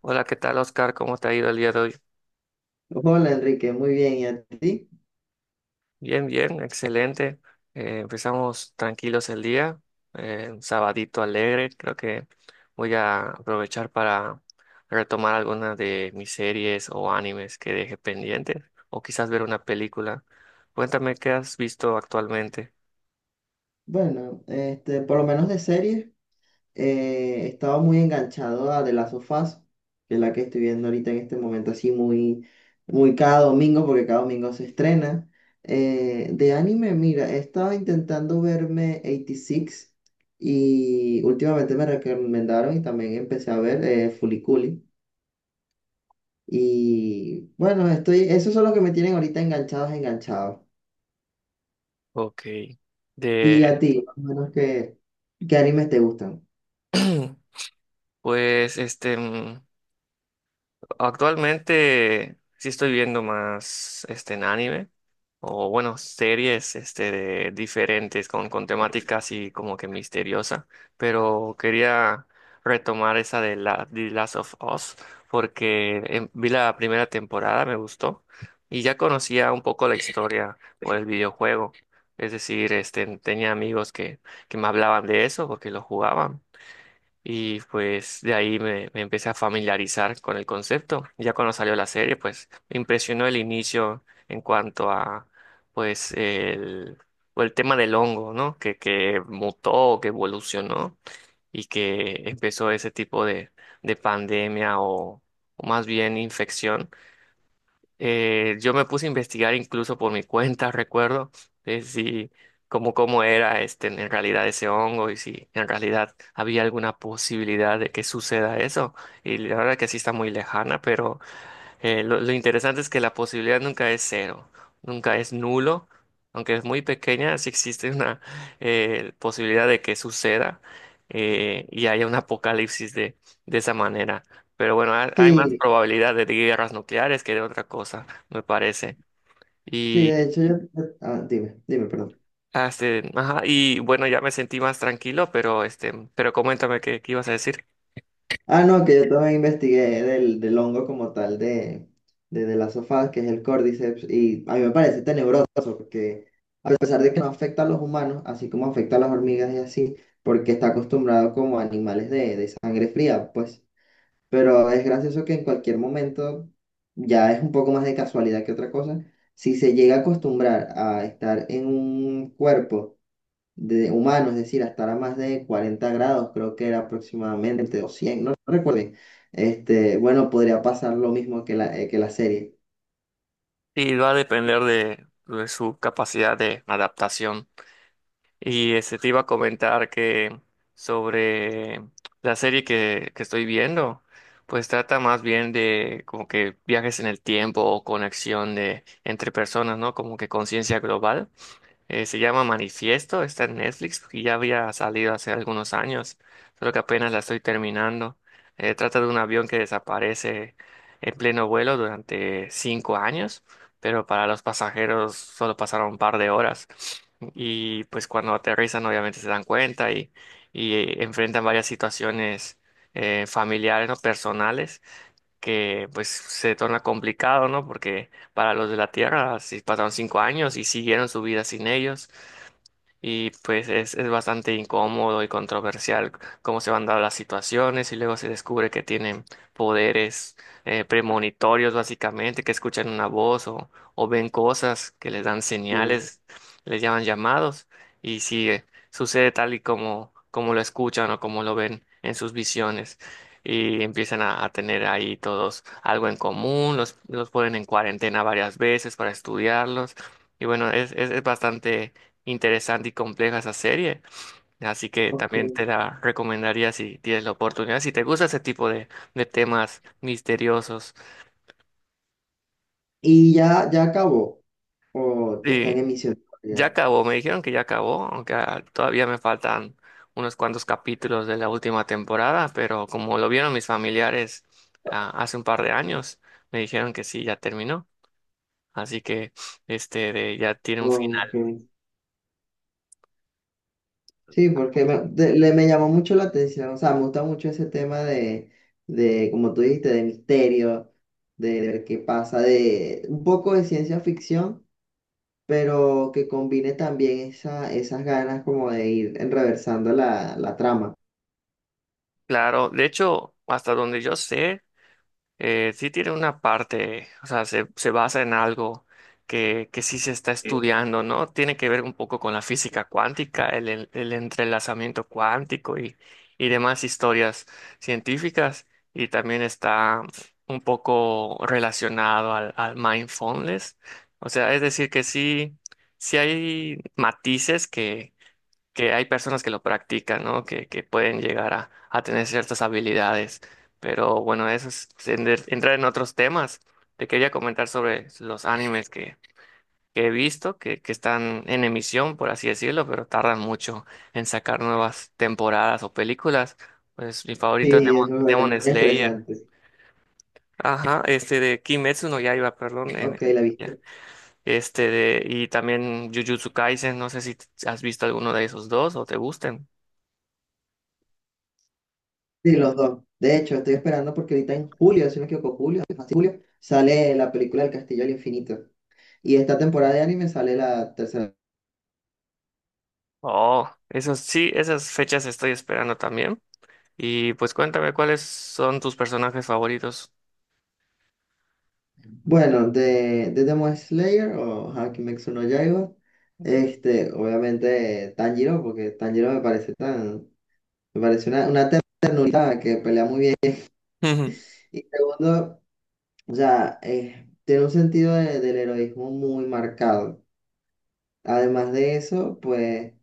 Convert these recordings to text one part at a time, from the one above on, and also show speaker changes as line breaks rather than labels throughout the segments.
Hola, ¿qué tal, Oscar? ¿Cómo te ha ido el día de hoy?
Hola Enrique, muy bien. ¿Y a ti?
Bien, bien, excelente. Empezamos tranquilos el día, un sabadito alegre. Creo que voy a aprovechar para retomar algunas de mis series o animes que dejé pendientes, o quizás ver una película. Cuéntame qué has visto actualmente.
Bueno, por lo menos de series, estaba muy enganchado a The Last of Us, que es la que estoy viendo ahorita en este momento, así muy cada domingo, porque cada domingo se estrena. De anime, mira, estaba intentando verme 86 y seis y últimamente me recomendaron y también empecé a ver Fuliculi. Y bueno, esos son los que me tienen ahorita enganchados, enganchados.
Ok.
Y a
De,
ti, más o menos, ¿qué animes te gustan?
pues, este. mm, Actualmente sí estoy viendo más este en anime o bueno, series diferentes con temática así como que misteriosa, pero quería retomar esa de la The Last of Us porque vi la primera temporada, me gustó y ya conocía un poco la historia por el videojuego. Es decir, este tenía amigos que me hablaban de eso porque lo jugaban. Y pues de ahí me empecé a familiarizar con el concepto. Ya cuando salió la serie, pues me impresionó el inicio en cuanto a pues el, o el tema del hongo, ¿no? Que mutó, que evolucionó y que empezó ese tipo de pandemia o más bien infección. Yo me puse a investigar incluso por mi cuenta, recuerdo, de si cómo era este en realidad ese hongo y si en realidad había alguna posibilidad de que suceda eso. Y la verdad que sí está muy lejana, pero lo interesante es que la posibilidad nunca es cero, nunca es nulo, aunque es muy pequeña, sí existe una posibilidad de que suceda, y haya un apocalipsis de esa manera. Pero bueno, hay más
Sí,
probabilidad de guerras nucleares que de otra cosa, me parece.
sí,
Y,
de hecho Ah, dime, dime, perdón.
ajá, y bueno, ya me sentí más tranquilo, pero, este, pero coméntame qué ibas a decir.
Ah, no, que yo también investigué del hongo como tal de las sofás, que es el Cordyceps, y a mí me parece tenebroso, porque a pesar de que no afecta a los humanos, así como afecta a las hormigas y así, porque está acostumbrado como a animales de sangre fría, pues... Pero es gracioso que en cualquier momento, ya es un poco más de casualidad que otra cosa, si se llega a acostumbrar a estar en un cuerpo de humano, es decir, a estar a más de 40 grados, creo que era aproximadamente, o 100, no, no recuerdo, bueno, podría pasar lo mismo que que la serie.
Y va a depender de su capacidad de adaptación. Y este, te iba a comentar que sobre la serie que estoy viendo, pues trata más bien de como que viajes en el tiempo o conexión de entre personas, ¿no? Como que conciencia global. Se llama Manifiesto, está en Netflix y ya había salido hace algunos años, solo que apenas la estoy terminando. Trata de un avión que desaparece en pleno vuelo durante 5 años, pero para los pasajeros solo pasaron un par de horas. Y pues cuando aterrizan obviamente se dan cuenta y enfrentan varias situaciones familiares, ¿no? Personales, que pues se torna complicado, ¿no? Porque para los de la Tierra, si pasaron 5 años y siguieron su vida sin ellos. Y pues es bastante incómodo y controversial cómo se van dando las situaciones y luego se descubre que tienen poderes premonitorios básicamente, que escuchan una voz o ven cosas que les dan
Oh,
señales, les llaman llamados y si sucede tal y como, como lo escuchan o como lo ven en sus visiones y empiezan a tener ahí todos algo en común, los ponen en cuarentena varias veces para estudiarlos y bueno, es bastante interesante y compleja esa serie. Así que
ok.
también te la recomendaría si tienes la oportunidad, si te gusta ese tipo de temas misteriosos.
¿Y ya acabó, o está en
Y
emisión
ya
todavía?
acabó, me dijeron que ya acabó, aunque todavía me faltan unos cuantos capítulos de la última temporada, pero como lo vieron mis familiares hace un par de años, me dijeron que sí, ya terminó. Así que ya tiene un
Ok.
final.
Sí, porque me llamó mucho la atención, o sea, me gusta mucho ese tema de como tú dijiste, de misterio, de ver qué pasa, de un poco de ciencia ficción, pero que combine también esas ganas como de ir enreversando la trama.
Claro, de hecho, hasta donde yo sé. Sí tiene una parte, o sea, se basa en algo que sí se está estudiando, ¿no? Tiene que ver un poco con la física cuántica, el entrelazamiento cuántico y demás historias científicas. Y también está un poco relacionado al mindfulness. O sea, es decir, sí hay matices que hay personas que lo practican, ¿no? Que pueden llegar a tener ciertas habilidades. Pero bueno, eso es entrar en otros temas. Te quería comentar sobre los animes que he visto, que están en emisión, por así decirlo, pero tardan mucho en sacar nuevas temporadas o películas. Pues mi favorito es
Sí, eso es
Demon Slayer.
interesante.
Ajá, este de Kimetsu no Yaiba, perdón.
Ok, la
Ya.
viste.
Este de, y también Jujutsu Kaisen, no sé si has visto alguno de esos dos o te gusten.
Sí, los dos. De hecho, estoy esperando porque ahorita en julio, si no me equivoco, julio, sale la película El Castillo al Infinito. Y esta temporada de anime sale la tercera.
Oh, esas sí, esas fechas estoy esperando también. Y pues cuéntame cuáles son tus personajes favoritos.
Bueno, de Demon Slayer o ja, Kimetsu no Yaiba,
Ujú.
obviamente Tanjiro, porque Tanjiro me parece una ternura que pelea muy bien. Y segundo, o sea, tiene un sentido del heroísmo muy marcado. Además de eso, pues,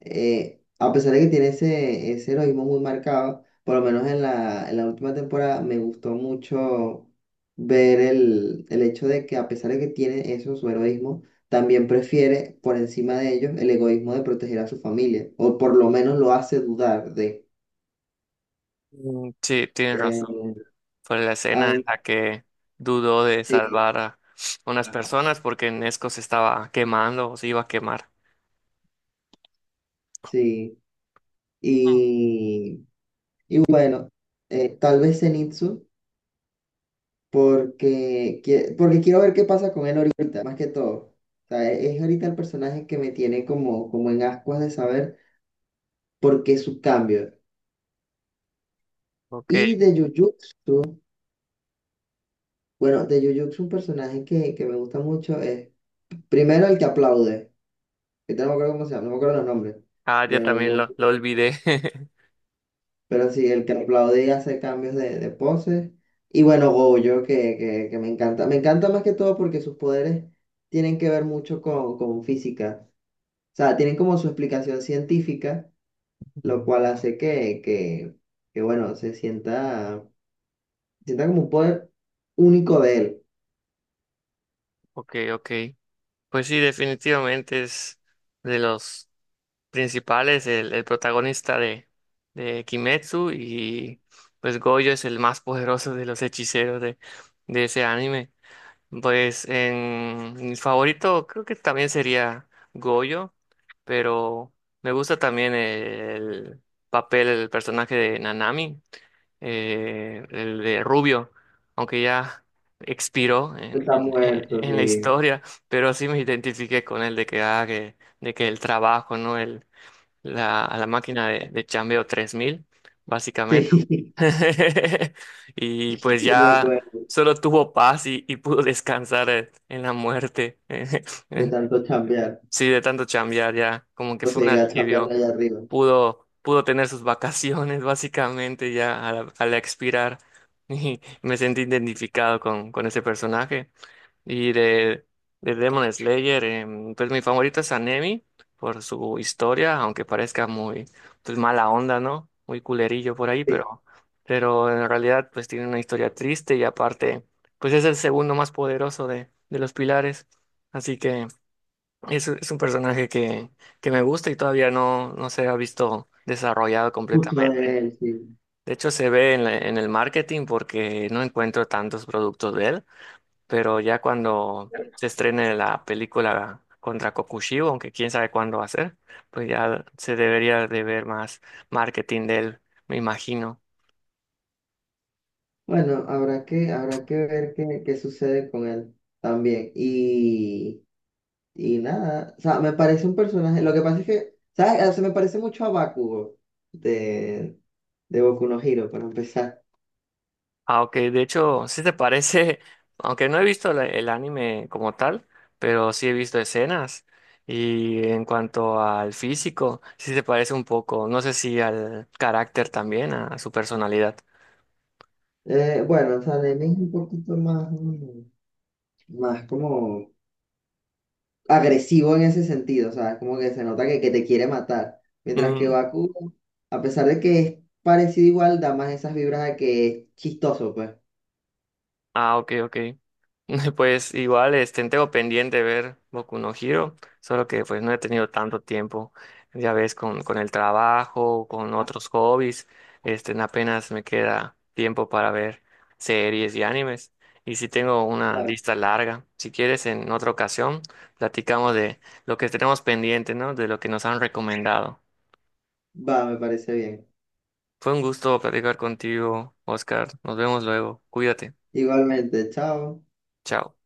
a pesar de que tiene ese heroísmo muy marcado, por lo menos en la última temporada me gustó mucho ver el hecho de que a pesar de que tiene eso, su heroísmo, también prefiere por encima de ellos el egoísmo de proteger a su familia, o por lo menos lo hace dudar de.
Mm, sí, tienes razón.
Eh,
Fue la escena en la
Además,
que dudó de
sí,
salvar a unas personas porque Nesco se estaba quemando o se iba a quemar.
sí. Y, y bueno, tal vez Zenitsu. Porque quiero ver qué pasa con él ahorita, más que todo. O sea, es ahorita el personaje que me tiene como en ascuas de saber por qué su cambio.
Ok.
Y de Jujutsu, bueno, de Jujutsu un personaje que me gusta mucho es primero el que aplaude, que no me acuerdo cómo se llama, no me acuerdo los nombres,
Ah, ya
pero, no-
también
no,
lo olvidé.
pero sí, el que aplaude y hace cambios de poses. Y bueno, Gojo, que me encanta. Me encanta más que todo porque sus poderes tienen que ver mucho con física. O sea, tienen como su explicación científica, lo cual hace que, bueno, sienta como un poder único de él.
Ok, ok. Pues sí, definitivamente es de los. Principales, el protagonista de Kimetsu y pues Gojo es el más poderoso de los hechiceros de ese anime. Pues en mi favorito creo que también sería Gojo, pero me gusta también el papel, el personaje de Nanami, el de Rubio, aunque ya expiró
Está muerto,
en la
sí.
historia, pero sí me identifiqué con él de que, de que el trabajo, ¿no? A la máquina de chambeo 3.000 básicamente.
Sí,
Y
sí
pues
me
ya
acuerdo
solo tuvo paz y pudo descansar en la muerte.
de tanto chambear,
Sí, de tanto chambear ya, como que
o
fue un
seguirá chambeando
alivio.
allá arriba.
Pudo, pudo tener sus vacaciones, básicamente, ya al expirar. Y me sentí identificado con ese personaje. Y de Demon Slayer, pues mi favorito es Anemi por su historia, aunque parezca muy pues, mala onda, ¿no? Muy culerillo por ahí,
Sí,
pero en realidad pues tiene una historia triste y aparte pues es el segundo más poderoso de los pilares. Así que es un personaje que me gusta y todavía no se ha visto desarrollado
mucho
completamente.
de él, sí.
De hecho, se ve en en el marketing porque no encuentro tantos productos de él, pero ya cuando se estrene la película contra Kokushibo, aunque quién sabe cuándo va a ser, pues ya se debería de ver más marketing de él, me imagino.
Bueno, habrá que ver qué sucede con él también. Y nada, o sea, me parece un personaje, lo que pasa es que, ¿sabes? O sea, me parece mucho a Bakugo de, de Boku no Hero, para empezar.
Aunque de hecho, sí te parece, aunque no he visto el anime como tal, pero sí he visto escenas. Y en cuanto al físico, sí se parece un poco, no sé si al carácter también, a su personalidad.
Bueno, o sea, el anime es un poquito más como agresivo en ese sentido, o sea, es como que se nota que te quiere matar. Mientras que
Mm.
Baku, a pesar de que es parecido igual, da más esas vibras de que es chistoso, pues.
Ah, ok, ok. Pues igual, este, tengo pendiente de ver Boku no Hero, solo que pues no he tenido tanto tiempo, ya ves, con el trabajo, con otros hobbies, este, apenas me queda tiempo para ver series y animes, y sí tengo una
Claro.
lista larga. Si quieres, en otra ocasión, platicamos de lo que tenemos pendiente, ¿no? De lo que nos han recomendado.
Va, me parece bien.
Fue un gusto platicar contigo, Oscar. Nos vemos luego. Cuídate.
Igualmente, chao.
Chao.